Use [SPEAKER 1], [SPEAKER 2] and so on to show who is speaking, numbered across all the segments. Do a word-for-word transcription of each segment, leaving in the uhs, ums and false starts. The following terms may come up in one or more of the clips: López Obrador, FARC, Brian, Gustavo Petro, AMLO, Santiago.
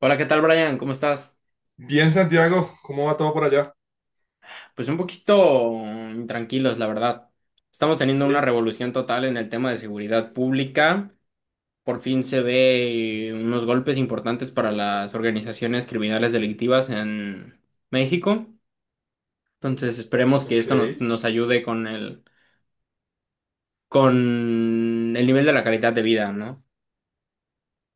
[SPEAKER 1] Hola, ¿qué tal, Brian? ¿Cómo estás?
[SPEAKER 2] Bien, Santiago, ¿cómo va todo por allá?
[SPEAKER 1] Pues un poquito mm, tranquilos, la verdad. Estamos teniendo una
[SPEAKER 2] Sí,
[SPEAKER 1] revolución total en el tema de seguridad pública. Por fin se ve eh, unos golpes importantes para las organizaciones criminales delictivas en México. Entonces, esperemos que
[SPEAKER 2] ok,
[SPEAKER 1] esto nos, nos ayude con el, con el nivel de la calidad de vida, ¿no?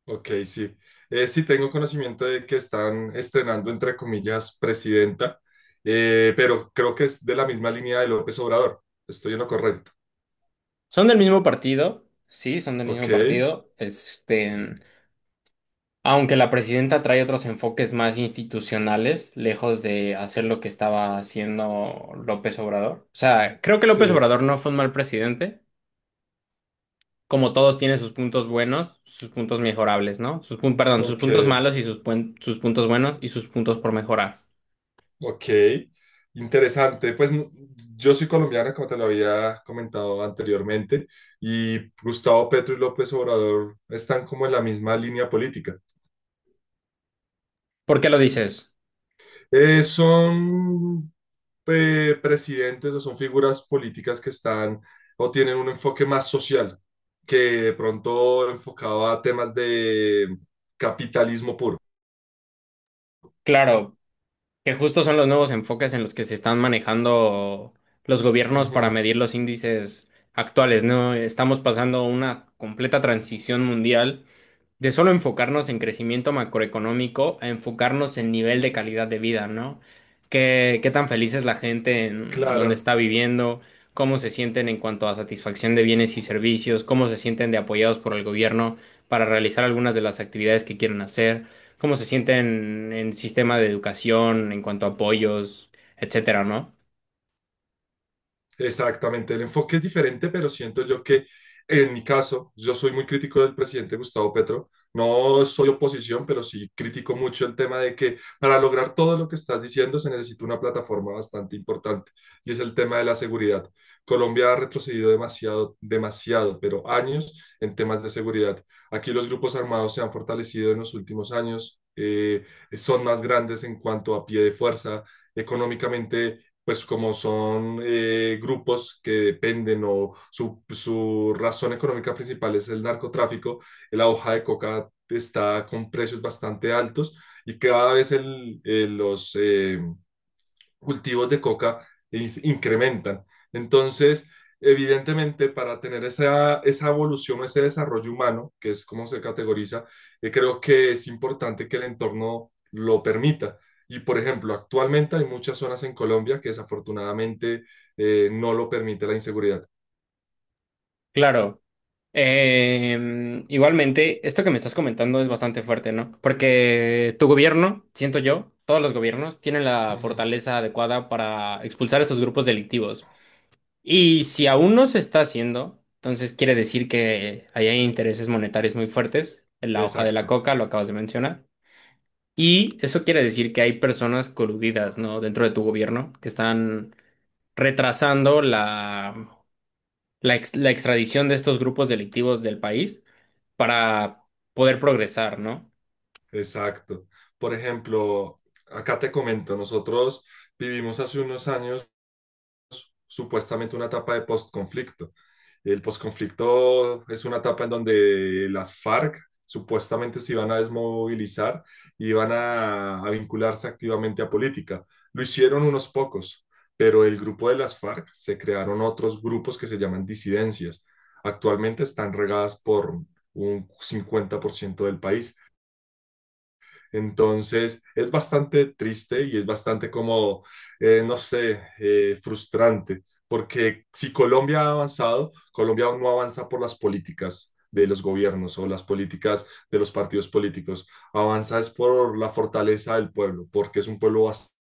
[SPEAKER 2] ok, sí. Eh, sí, tengo conocimiento de que están estrenando, entre comillas, presidenta, eh, pero creo que es de la misma línea de López Obrador. Estoy en lo correcto.
[SPEAKER 1] Son del mismo partido, sí, son del mismo
[SPEAKER 2] Ok,
[SPEAKER 1] partido. Este, Aunque la presidenta trae otros enfoques más institucionales, lejos de hacer lo que estaba haciendo López Obrador. O sea, creo que
[SPEAKER 2] sí,
[SPEAKER 1] López Obrador no fue un mal presidente. Como todos tiene sus puntos buenos, sus puntos mejorables, ¿no? Sus, pun- perdón, sus
[SPEAKER 2] ok,
[SPEAKER 1] puntos malos y sus, puen- sus puntos buenos y sus puntos por mejorar.
[SPEAKER 2] ok. Interesante. Pues no- yo soy colombiana, como te lo había comentado anteriormente, y Gustavo Petro y López Obrador están como en la misma línea política.
[SPEAKER 1] ¿Por qué lo dices?
[SPEAKER 2] Eh, son eh, Presidentes o son figuras políticas que están o tienen un enfoque más social, que de pronto enfocado a temas de capitalismo puro.
[SPEAKER 1] Claro, que justo son los nuevos enfoques en los que se están manejando los gobiernos para
[SPEAKER 2] Ujú.
[SPEAKER 1] medir los índices actuales, ¿no? Estamos pasando una completa transición mundial de solo enfocarnos en crecimiento macroeconómico a enfocarnos en nivel de calidad de vida, ¿no? ¿Qué, qué tan feliz es la gente en donde
[SPEAKER 2] Claro.
[SPEAKER 1] está viviendo? ¿Cómo se sienten en cuanto a satisfacción de bienes y servicios? ¿Cómo se sienten de apoyados por el gobierno para realizar algunas de las actividades que quieren hacer? ¿Cómo se sienten en sistema de educación, en cuanto a apoyos, etcétera, ¿no?
[SPEAKER 2] Exactamente, el enfoque es diferente, pero siento yo que en mi caso, yo soy muy crítico del presidente Gustavo Petro. No soy oposición, pero sí critico mucho el tema de que para lograr todo lo que estás diciendo se necesita una plataforma bastante importante y es el tema de la seguridad. Colombia ha retrocedido demasiado, demasiado, pero años en temas de seguridad. Aquí los grupos armados se han fortalecido en los últimos años, eh, son más grandes en cuanto a pie de fuerza, económicamente pues como son eh, grupos que dependen o su, su razón económica principal es el narcotráfico, la hoja de coca está con precios bastante altos y cada vez el, eh, los, eh, cultivos de coca incrementan. Entonces, evidentemente, para tener esa, esa evolución, ese desarrollo humano, que es como se categoriza, eh, creo que es importante que el entorno lo permita. Y, por ejemplo, actualmente hay muchas zonas en Colombia que desafortunadamente eh, no lo permite la inseguridad.
[SPEAKER 1] Claro. Eh, igualmente, esto que me estás comentando es bastante fuerte, ¿no? Porque tu gobierno, siento yo, todos los gobiernos tienen la
[SPEAKER 2] Ujú.
[SPEAKER 1] fortaleza adecuada para expulsar a estos grupos delictivos. Y si aún no se está haciendo, entonces quiere decir que ahí hay intereses monetarios muy fuertes en la hoja de la
[SPEAKER 2] Exacto,
[SPEAKER 1] coca, lo acabas de mencionar. Y eso quiere decir que hay personas coludidas, ¿no? Dentro de tu gobierno que están retrasando la la, ex- la extradición de estos grupos delictivos del país para poder progresar, ¿no?
[SPEAKER 2] exacto. Por ejemplo, acá te comento, nosotros vivimos hace unos años supuestamente una etapa de postconflicto. El postconflicto es una etapa en donde las FARC supuestamente se iban a desmovilizar y iban a, a vincularse activamente a política. Lo hicieron unos pocos, pero el grupo de las FARC se crearon otros grupos que se llaman disidencias. Actualmente están regadas por un cincuenta por ciento del país. Entonces, es bastante triste y es bastante como, eh, no sé, eh, frustrante, porque si Colombia ha avanzado, Colombia aún no avanza por las políticas de los gobiernos o las políticas de los partidos políticos. Avanza es por la fortaleza del pueblo, porque es un pueblo bastante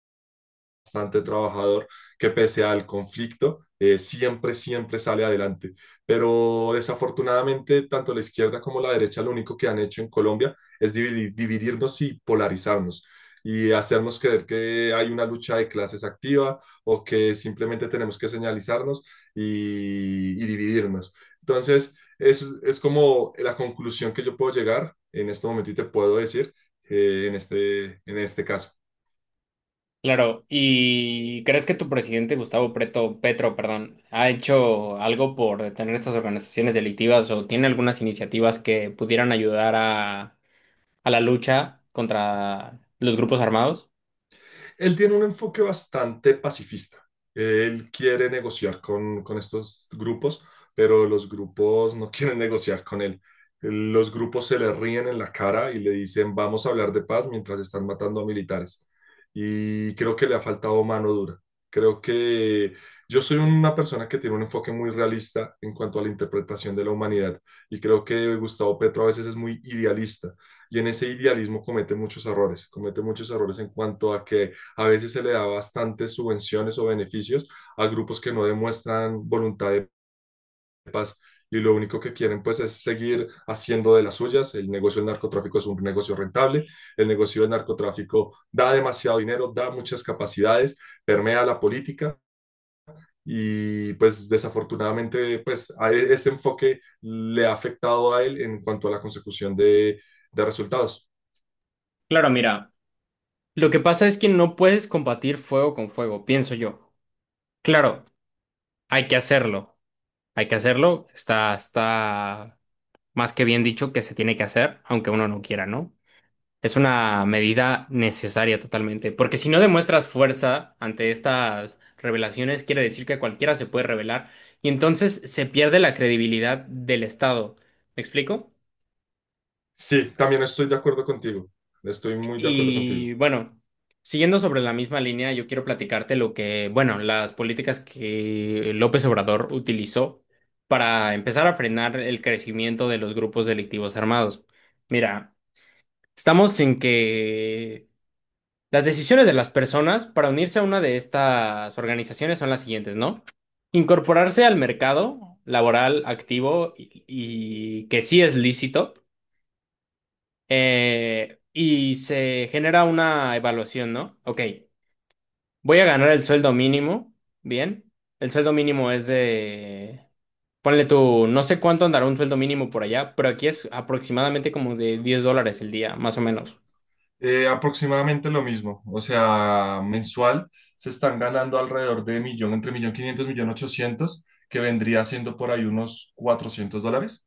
[SPEAKER 2] bastante trabajador que pese al conflicto, eh, siempre, siempre sale adelante. Pero desafortunadamente, tanto la izquierda como la derecha lo único que han hecho en Colombia es dividi- dividirnos y polarizarnos y hacernos creer que hay una lucha de clases activa o que simplemente tenemos que señalizarnos y, y dividirnos. Entonces, es, es como la conclusión que yo puedo llegar en este momento y te puedo decir eh, en este, en este caso.
[SPEAKER 1] Claro, ¿y crees que tu presidente Gustavo Preto, Petro, perdón, ha hecho algo por detener estas organizaciones delictivas o tiene algunas iniciativas que pudieran ayudar a, a la lucha contra los grupos armados?
[SPEAKER 2] Él tiene un enfoque bastante pacifista. Él quiere negociar con, con estos grupos, pero los grupos no quieren negociar con él. Los grupos se le ríen en la cara y le dicen, vamos a hablar de paz mientras están matando a militares. Y creo que le ha faltado mano dura. Creo que yo soy una persona que tiene un enfoque muy realista en cuanto a la interpretación de la humanidad y creo que Gustavo Petro a veces es muy idealista y en ese idealismo comete muchos errores, comete muchos errores en cuanto a que a veces se le da bastantes subvenciones o beneficios a grupos que no demuestran voluntad de paz y lo único que quieren pues es seguir haciendo de las suyas. El negocio del narcotráfico es un negocio rentable, el negocio del narcotráfico da demasiado dinero, da muchas capacidades, permea la política y pues desafortunadamente pues a e- ese enfoque le ha afectado a él en cuanto a la consecución de, de resultados.
[SPEAKER 1] Claro, mira, lo que pasa es que no puedes combatir fuego con fuego, pienso yo. Claro, hay que hacerlo, hay que hacerlo, está, está más que bien dicho, que se tiene que hacer, aunque uno no quiera, ¿no? Es una medida necesaria totalmente, porque si no demuestras fuerza ante estas revelaciones, quiere decir que cualquiera se puede revelar y entonces se pierde la credibilidad del Estado. ¿Me explico?
[SPEAKER 2] Sí, también estoy de acuerdo contigo, estoy muy de acuerdo contigo.
[SPEAKER 1] Y bueno, siguiendo sobre la misma línea, yo quiero platicarte lo que, bueno, las políticas que López Obrador utilizó para empezar a frenar el crecimiento de los grupos delictivos armados. Mira, estamos en que las decisiones de las personas para unirse a una de estas organizaciones son las siguientes, ¿no? Incorporarse al mercado laboral activo y, y que sí es lícito, eh, y se genera una evaluación, ¿no? Ok, voy a ganar el sueldo mínimo, bien. El sueldo mínimo es de, ponle tú, no sé cuánto andará un sueldo mínimo por allá, pero aquí es aproximadamente como de diez dólares el día, más o menos.
[SPEAKER 2] Eh, aproximadamente lo mismo, o sea, mensual se están ganando alrededor de millón, entre millón quinientos, millón ochocientos, que vendría siendo por ahí unos cuatrocientos dólares.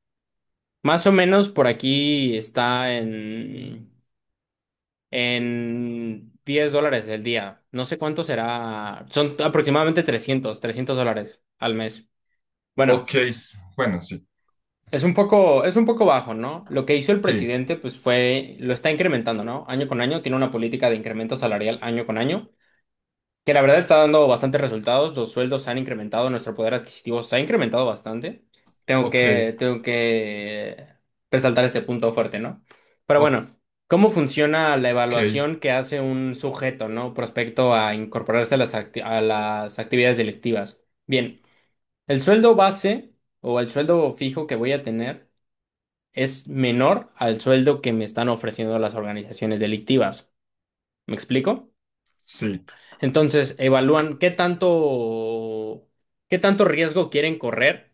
[SPEAKER 1] Más o menos por aquí está en, en diez dólares el día. No sé cuánto será. Son aproximadamente trescientos trescientos dólares al mes. Bueno,
[SPEAKER 2] Ok, s- bueno, sí,
[SPEAKER 1] es un poco, es un poco bajo, ¿no? Lo que hizo el
[SPEAKER 2] sí,
[SPEAKER 1] presidente, pues fue, lo está incrementando, ¿no? Año con año, tiene una política de incremento salarial año con año, que la verdad está dando bastantes resultados. Los sueldos se han incrementado, nuestro poder adquisitivo se ha incrementado bastante. Tengo
[SPEAKER 2] ok,
[SPEAKER 1] que, tengo que resaltar este punto fuerte, ¿no? Pero bueno, ¿cómo funciona la
[SPEAKER 2] ok,
[SPEAKER 1] evaluación que hace un sujeto, ¿no? Prospecto a incorporarse a las, acti- a las actividades delictivas. Bien, el sueldo base o el sueldo fijo que voy a tener es menor al sueldo que me están ofreciendo las organizaciones delictivas. ¿Me explico?
[SPEAKER 2] sí,
[SPEAKER 1] Entonces, evalúan qué tanto, qué tanto riesgo quieren correr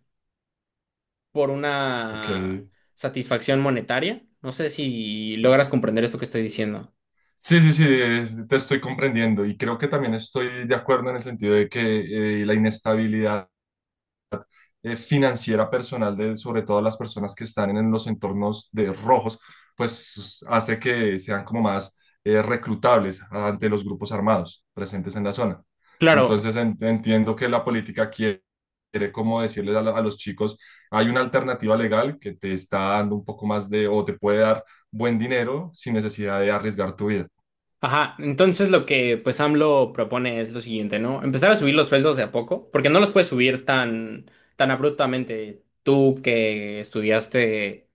[SPEAKER 1] por
[SPEAKER 2] ok.
[SPEAKER 1] una satisfacción monetaria. No sé si logras comprender esto que estoy diciendo.
[SPEAKER 2] Sí, sí, sí, es- te estoy comprendiendo y creo que también estoy de acuerdo en el sentido de que eh, la inestabilidad eh, financiera personal de sobre todo las personas que están en los entornos de rojos, pues hace que sean como más eh, reclutables ante los grupos armados presentes en la zona.
[SPEAKER 1] Claro,
[SPEAKER 2] Entonces en- entiendo que la política quiere, quiere como decirles a, la- a los chicos, hay una alternativa legal que te está dando un poco más de o te puede dar buen dinero sin necesidad de arriesgar tu vida.
[SPEAKER 1] ajá. Entonces lo que pues AMLO propone es lo siguiente, ¿no? Empezar a subir los sueldos de a poco, porque no los puedes subir tan, tan abruptamente. Tú que estudiaste,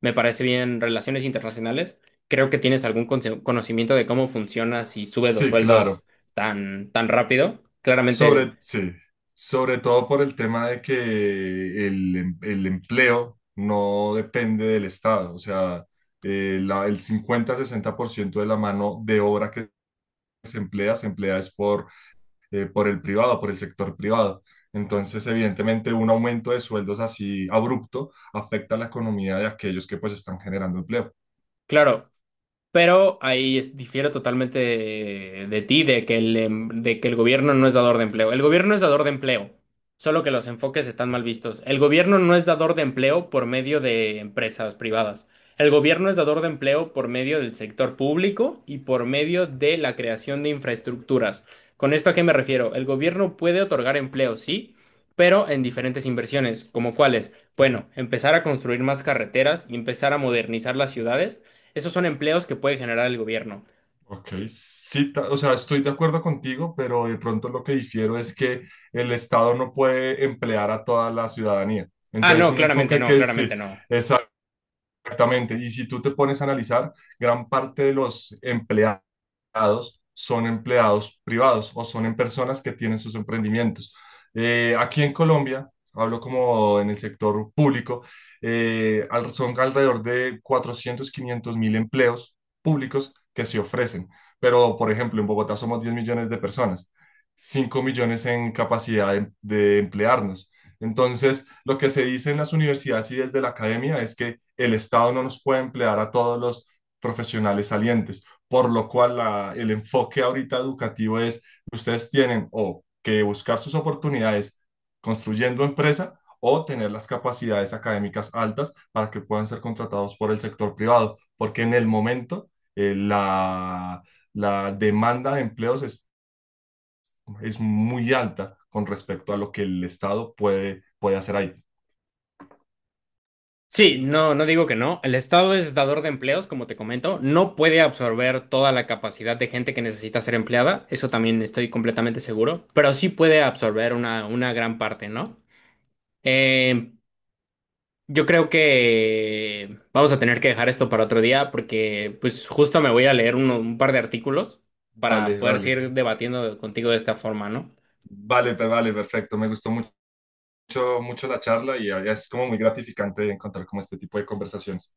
[SPEAKER 1] me parece bien, relaciones internacionales. Creo que tienes algún conce- conocimiento de cómo funciona si sube los
[SPEAKER 2] Sí, claro.
[SPEAKER 1] sueldos tan, tan rápido.
[SPEAKER 2] Sobre,
[SPEAKER 1] Claramente,
[SPEAKER 2] sí, Sobre todo por el tema de que el, em- el empleo no depende del Estado, o sea, eh, la- el cincuenta sesenta por ciento de la mano de obra que se emplea, se emplea es por, eh, por el privado, por el sector privado. Entonces, evidentemente, un aumento de sueldos así abrupto afecta a la economía de aquellos que pues están generando empleo.
[SPEAKER 1] claro, pero ahí es- difiero totalmente de, de ti, de que el, em- de que el gobierno no es dador de empleo. El gobierno es dador de empleo, solo que los enfoques están mal vistos. El gobierno no es dador de empleo por medio de empresas privadas. El gobierno es dador de empleo por medio del sector público y por medio de la creación de infraestructuras. ¿Con esto a qué me refiero? El gobierno puede otorgar empleo, sí, pero en diferentes inversiones, como cuáles. Bueno, empezar a construir más carreteras y empezar a modernizar las ciudades, esos son empleos que puede generar el gobierno.
[SPEAKER 2] Ok, sí, ta- o sea, estoy de acuerdo contigo, pero de pronto lo que difiero es que el Estado no puede emplear a toda la ciudadanía.
[SPEAKER 1] Ah,
[SPEAKER 2] Entonces,
[SPEAKER 1] no,
[SPEAKER 2] un
[SPEAKER 1] claramente
[SPEAKER 2] enfoque
[SPEAKER 1] no,
[SPEAKER 2] que sí,
[SPEAKER 1] claramente no.
[SPEAKER 2] exactamente. Y si tú te pones a analizar, gran parte de los empleados son empleados privados o son en personas que tienen sus emprendimientos. Eh, aquí en Colombia, hablo como en el sector público, eh, al- son alrededor de cuatrocientos quinientos mil empleos públicos que se ofrecen. Pero, por ejemplo, en Bogotá somos diez millones de personas, cinco millones en capacidad de, de emplearnos. Entonces, lo que se dice en las universidades y desde la academia es que el Estado no nos puede emplear a todos los profesionales salientes por lo cual la- el enfoque ahorita educativo es, ustedes tienen o que buscar sus oportunidades construyendo empresa o tener las capacidades académicas altas para que puedan ser contratados por el sector privado, porque en el momento eh, la, la demanda de empleos es, es muy alta con respecto a lo que el Estado puede, puede hacer ahí.
[SPEAKER 1] Sí, no, no digo que no. El Estado es dador de empleos, como te comento. No puede absorber toda la capacidad de gente que necesita ser empleada. Eso también estoy completamente seguro. Pero sí puede absorber una, una gran parte, ¿no? Eh, yo creo que vamos a tener que dejar esto para otro día porque pues justo me voy a leer uno- un par de artículos para
[SPEAKER 2] Vale,
[SPEAKER 1] poder
[SPEAKER 2] vale,
[SPEAKER 1] seguir debatiendo contigo de esta forma, ¿no?
[SPEAKER 2] vale, pe- vale, perfecto. Me gustó mucho, mucho la charla y es como muy gratificante encontrar como este tipo de conversaciones.